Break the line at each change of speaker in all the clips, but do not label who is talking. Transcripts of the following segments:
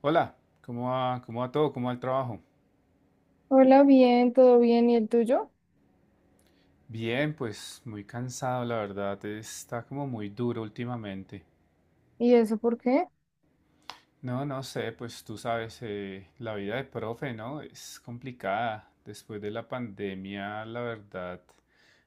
Hola, ¿cómo va? ¿Cómo va todo? ¿Cómo va el trabajo?
Hola, bien, todo bien, ¿y el tuyo?
Bien, pues muy cansado, la verdad. Está como muy duro últimamente.
¿Y eso por qué?
No, no sé, pues tú sabes, la vida de profe, ¿no? Es complicada. Después de la pandemia, la verdad,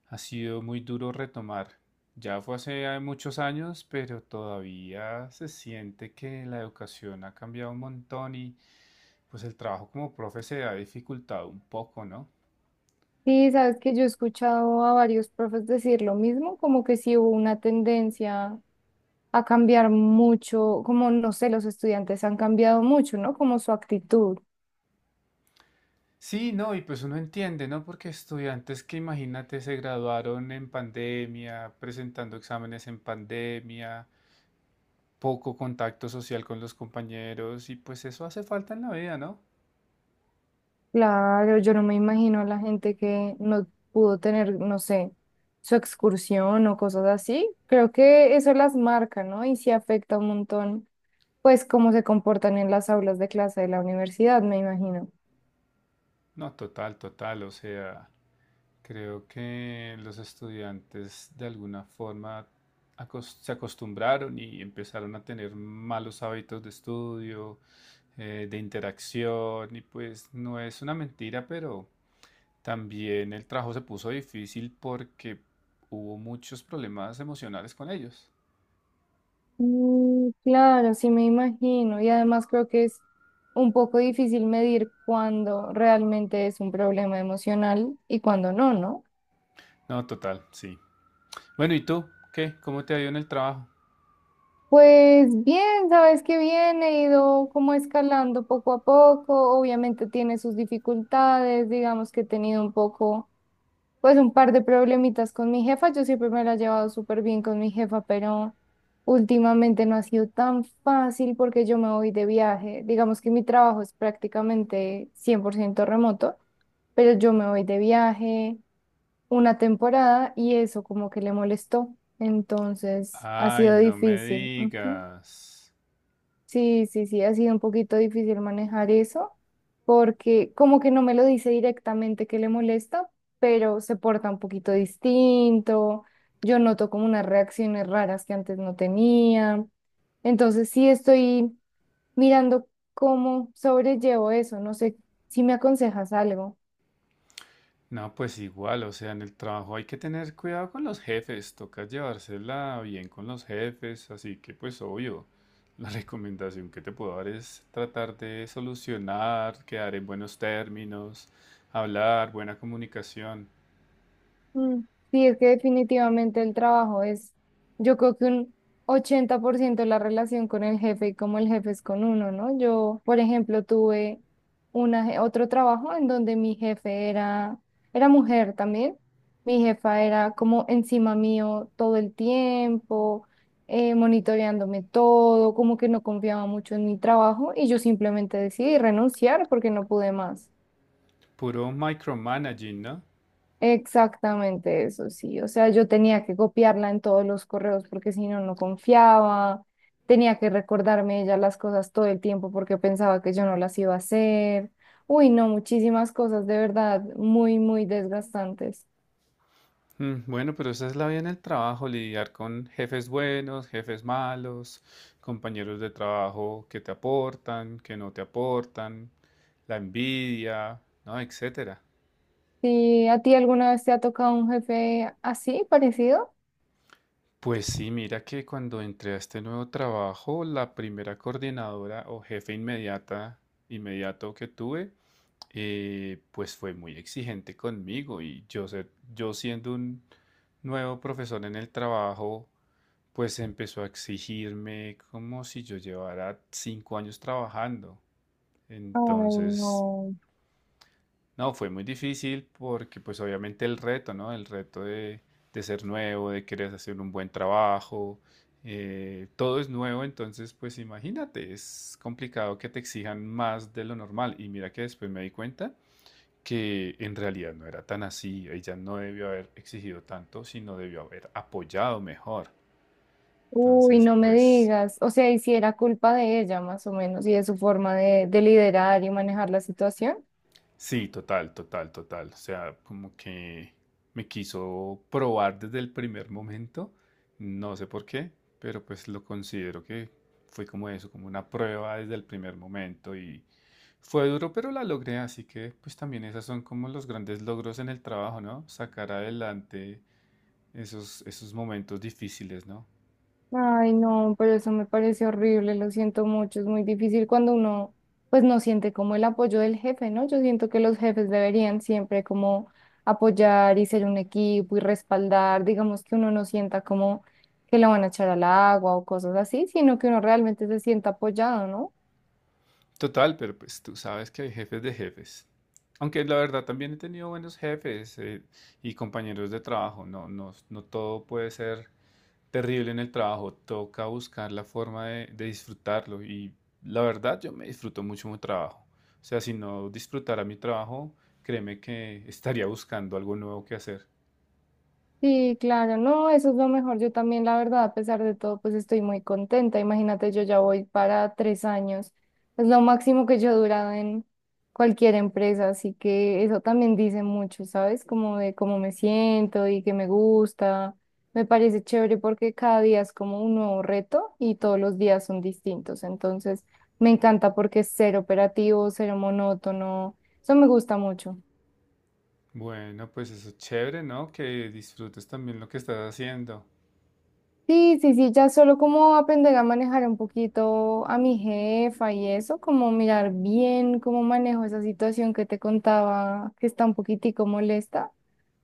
ha sido muy duro retomar. Ya fue hace muchos años, pero todavía se siente que la educación ha cambiado un montón y pues el trabajo como profe se ha dificultado un poco, ¿no?
Sí, sabes que yo he escuchado a varios profes decir lo mismo, como que sí hubo una tendencia a cambiar mucho, como no sé, los estudiantes han cambiado mucho, ¿no? Como su actitud.
Sí, no, y pues uno entiende, ¿no? Porque estudiantes que imagínate se graduaron en pandemia, presentando exámenes en pandemia, poco contacto social con los compañeros, y pues eso hace falta en la vida, ¿no?
Claro, yo no me imagino a la gente que no pudo tener, no sé, su excursión o cosas así. Creo que eso las marca, ¿no? Y sí afecta un montón, pues, cómo se comportan en las aulas de clase de la universidad, me imagino.
No, total, total, o sea, creo que los estudiantes de alguna forma se acostumbraron y empezaron a tener malos hábitos de estudio, de interacción, y pues no es una mentira, pero... También el trabajo se puso difícil porque hubo muchos problemas emocionales con ellos.
Mm, claro, sí me imagino. Y además creo que es un poco difícil medir cuándo realmente es un problema emocional y cuándo no, ¿no?
No, total, sí. Bueno, ¿y tú? ¿Qué? ¿Cómo te ha ido en el trabajo?
Pues bien, sabes que bien, he ido como escalando poco a poco. Obviamente tiene sus dificultades, digamos que he tenido un poco, pues un par de problemitas con mi jefa. Yo siempre me la he llevado súper bien con mi jefa, pero últimamente no ha sido tan fácil porque yo me voy de viaje. Digamos que mi trabajo es prácticamente 100% remoto, pero yo me voy de viaje una temporada y eso como que le molestó. Entonces ha
Ay,
sido
no me
difícil. Ujú.
digas.
Sí, sí, sí, ha sido un poquito difícil manejar eso porque como que no me lo dice directamente que le molesta, pero se porta un poquito distinto, yo noto como unas reacciones raras que antes no tenía, entonces sí estoy mirando cómo sobrellevo eso, no sé si me aconsejas algo.
No, pues igual, o sea, en el trabajo hay que tener cuidado con los jefes, toca llevársela bien con los jefes, así que pues obvio, la recomendación que te puedo dar es tratar de solucionar, quedar en buenos términos, hablar, buena comunicación.
Mm, sí, es que definitivamente el trabajo es, yo creo que un 80% la relación con el jefe y cómo el jefe es con uno, ¿no? Yo, por ejemplo, tuve otro trabajo en donde mi jefe era, era mujer también. Mi jefa era como encima mío todo el tiempo, monitoreándome todo, como que no confiaba mucho en mi trabajo y yo simplemente decidí renunciar porque no pude más.
Puro micromanaging, ¿no?
Exactamente eso, sí. O sea, yo tenía que copiarla en todos los correos porque si no, no confiaba. Tenía que recordarme ella las cosas todo el tiempo porque pensaba que yo no las iba a hacer. Uy, no, muchísimas cosas, de verdad, muy, muy desgastantes.
Mm, bueno, pero esa es la vida en el trabajo, lidiar con jefes buenos, jefes malos, compañeros de trabajo que te aportan, que no te aportan, la envidia, ¿no? Etcétera.
¿Y a ti alguna vez te ha tocado un jefe así, parecido?
Pues sí, mira que cuando entré a este nuevo trabajo, la primera coordinadora o jefe inmediata, inmediato que tuve, pues fue muy exigente conmigo y yo siendo un nuevo profesor en el trabajo, pues empezó a exigirme como si yo llevara 5 años trabajando.
Ay, no.
Entonces, no, fue muy difícil porque pues obviamente el reto, ¿no? El reto de ser nuevo, de querer hacer un buen trabajo, todo es nuevo, entonces pues imagínate, es complicado que te exijan más de lo normal. Y mira que después me di cuenta que en realidad no era tan así, ella no debió haber exigido tanto, sino debió haber apoyado mejor.
Uy,
Entonces,
no me
pues...
digas. O sea, y si era culpa de ella, más o menos, y de su forma de liderar y manejar la situación.
Sí, total, total, total. O sea, como que me quiso probar desde el primer momento, no sé por qué, pero pues lo considero que fue como eso, como una prueba desde el primer momento y fue duro, pero la logré, así que pues también esas son como los grandes logros en el trabajo, ¿no? Sacar adelante esos momentos difíciles, ¿no?
Ay, no, pero eso me parece horrible, lo siento mucho, es muy difícil cuando uno pues no siente como el apoyo del jefe, ¿no? Yo siento que los jefes deberían siempre como apoyar y ser un equipo y respaldar, digamos que uno no sienta como que lo van a echar al agua o cosas así, sino que uno realmente se sienta apoyado, ¿no?
Total, pero pues tú sabes que hay jefes de jefes. Aunque la verdad también he tenido buenos jefes y compañeros de trabajo. No todo puede ser terrible en el trabajo. Toca buscar la forma de disfrutarlo. Y la verdad, yo me disfruto mucho mi trabajo. O sea, si no disfrutara mi trabajo, créeme que estaría buscando algo nuevo que hacer.
Sí, claro, no, eso es lo mejor. Yo también, la verdad, a pesar de todo, pues estoy muy contenta. Imagínate, yo ya voy para 3 años. Es lo máximo que yo he durado en cualquier empresa, así que eso también dice mucho, ¿sabes? Como de cómo me siento y que me gusta. Me parece chévere porque cada día es como un nuevo reto y todos los días son distintos. Entonces, me encanta porque es ser operativo, ser monótono. Eso me gusta mucho.
Bueno, pues eso es chévere, ¿no? Que disfrutes también lo que estás haciendo.
Sí, sí, sí, ya solo como aprender a manejar un poquito a mi jefa y eso, como mirar bien cómo manejo esa situación que te contaba, que está un poquitico molesta.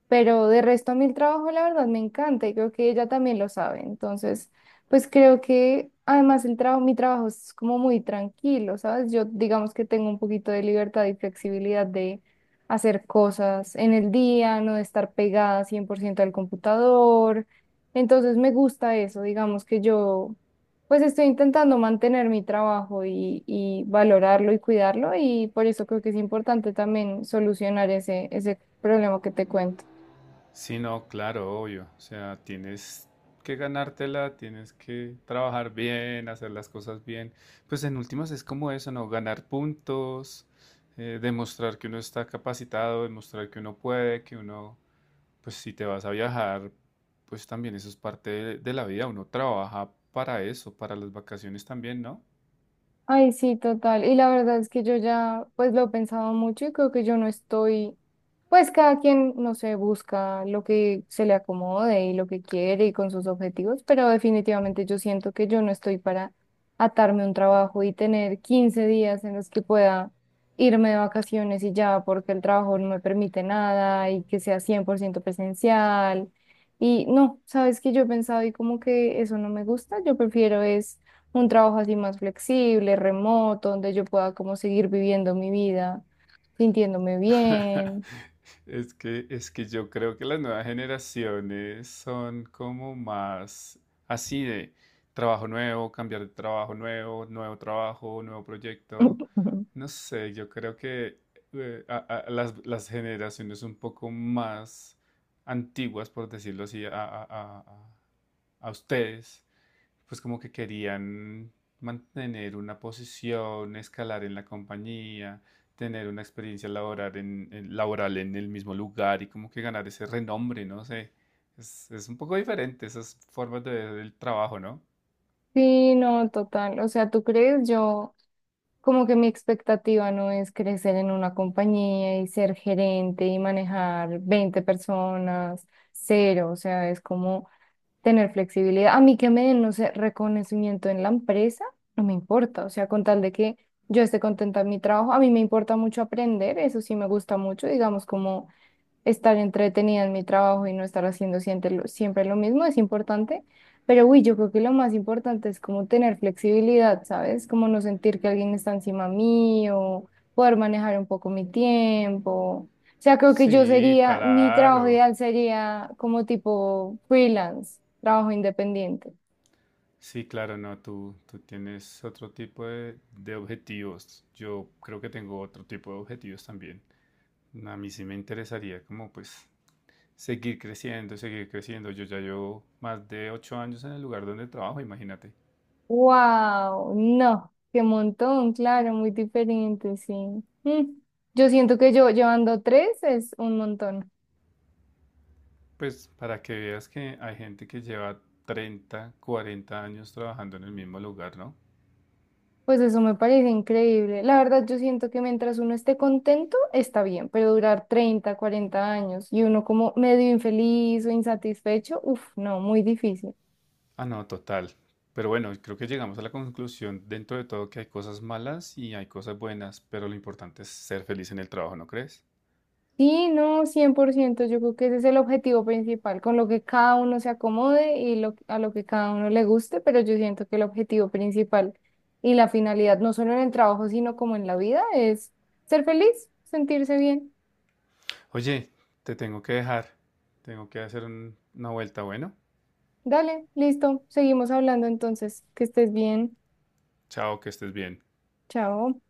Pero de resto a mí el trabajo, la verdad, me encanta y creo que ella también lo sabe. Entonces, pues creo que además el trabajo, mi trabajo es como muy tranquilo, ¿sabes? Yo digamos que tengo un poquito de libertad y flexibilidad de hacer cosas en el día, no de estar pegada 100% al computador. Entonces me gusta eso, digamos que yo pues estoy intentando mantener mi trabajo y valorarlo y cuidarlo y por eso creo que es importante también solucionar ese problema que te cuento.
Sí, no, claro, obvio. O sea, tienes que ganártela, tienes que trabajar bien, hacer las cosas bien. Pues en últimas es como eso, ¿no? Ganar puntos, demostrar que uno está capacitado, demostrar que uno puede, pues si te vas a viajar, pues también eso es parte de la vida. Uno trabaja para eso, para las vacaciones también, ¿no?
Ay, sí, total. Y la verdad es que yo ya pues lo he pensado mucho y creo que yo no estoy, pues cada quien, no sé, busca lo que se le acomode y lo que quiere y con sus objetivos, pero definitivamente yo siento que yo no estoy para atarme a un trabajo y tener 15 días en los que pueda irme de vacaciones y ya, porque el trabajo no me permite nada y que sea 100% presencial. Y no, sabes que yo he pensado y como que eso no me gusta, yo prefiero es un trabajo así más flexible, remoto, donde yo pueda como seguir viviendo mi vida, sintiéndome bien.
Es que yo creo que las nuevas generaciones son como más así de trabajo nuevo, cambiar de trabajo nuevo, nuevo trabajo, nuevo proyecto. No sé, yo creo que las generaciones un poco más antiguas, por decirlo así, a ustedes, pues como que querían mantener una posición, escalar en la compañía, tener una experiencia laboral laboral en el mismo lugar y como que ganar ese renombre, no sé. Es un poco diferente esas formas de ver el trabajo, ¿no?
Sí, no, total. O sea, ¿tú crees? Yo, como que mi expectativa no es crecer en una compañía y ser gerente y manejar 20 personas, cero. O sea, es como tener flexibilidad. A mí que me den, no sé, reconocimiento en la empresa, no me importa. O sea, con tal de que yo esté contenta en mi trabajo, a mí me importa mucho aprender, eso sí me gusta mucho, digamos, como estar entretenida en mi trabajo y no estar haciendo siempre lo mismo es importante, pero uy, yo creo que lo más importante es como tener flexibilidad, ¿sabes? Como no sentir que alguien está encima mío, poder manejar un poco mi tiempo. O sea, creo que yo
Sí,
sería, mi trabajo
claro.
ideal sería como tipo freelance, trabajo independiente.
Sí, claro, no, tú tienes otro tipo de objetivos. Yo creo que tengo otro tipo de objetivos también. A mí sí me interesaría como pues seguir creciendo, seguir creciendo. Yo ya llevo más de 8 años en el lugar donde trabajo, imagínate.
Wow, no, qué montón, claro, muy diferente, sí. Mm, yo siento que yo llevando tres es un montón.
Pues para que veas que hay gente que lleva 30, 40 años trabajando en el mismo lugar, ¿no?
Pues eso me parece increíble. La verdad, yo siento que mientras uno esté contento, está bien, pero durar 30, 40 años y uno como medio infeliz o insatisfecho, uff, no, muy difícil.
Ah, no, total. Pero bueno, creo que llegamos a la conclusión dentro de todo que hay cosas malas y hay cosas buenas, pero lo importante es ser feliz en el trabajo, ¿no crees?
Sí, no, 100%. Yo creo que ese es el objetivo principal, con lo que cada uno se acomode y lo, a lo que cada uno le guste, pero yo siento que el objetivo principal y la finalidad, no solo en el trabajo, sino como en la vida, es ser feliz, sentirse bien.
Oye, te tengo que dejar. Tengo que hacer una vuelta, bueno.
Dale, listo, seguimos hablando entonces, que estés bien,
Chao, que estés bien.
chao.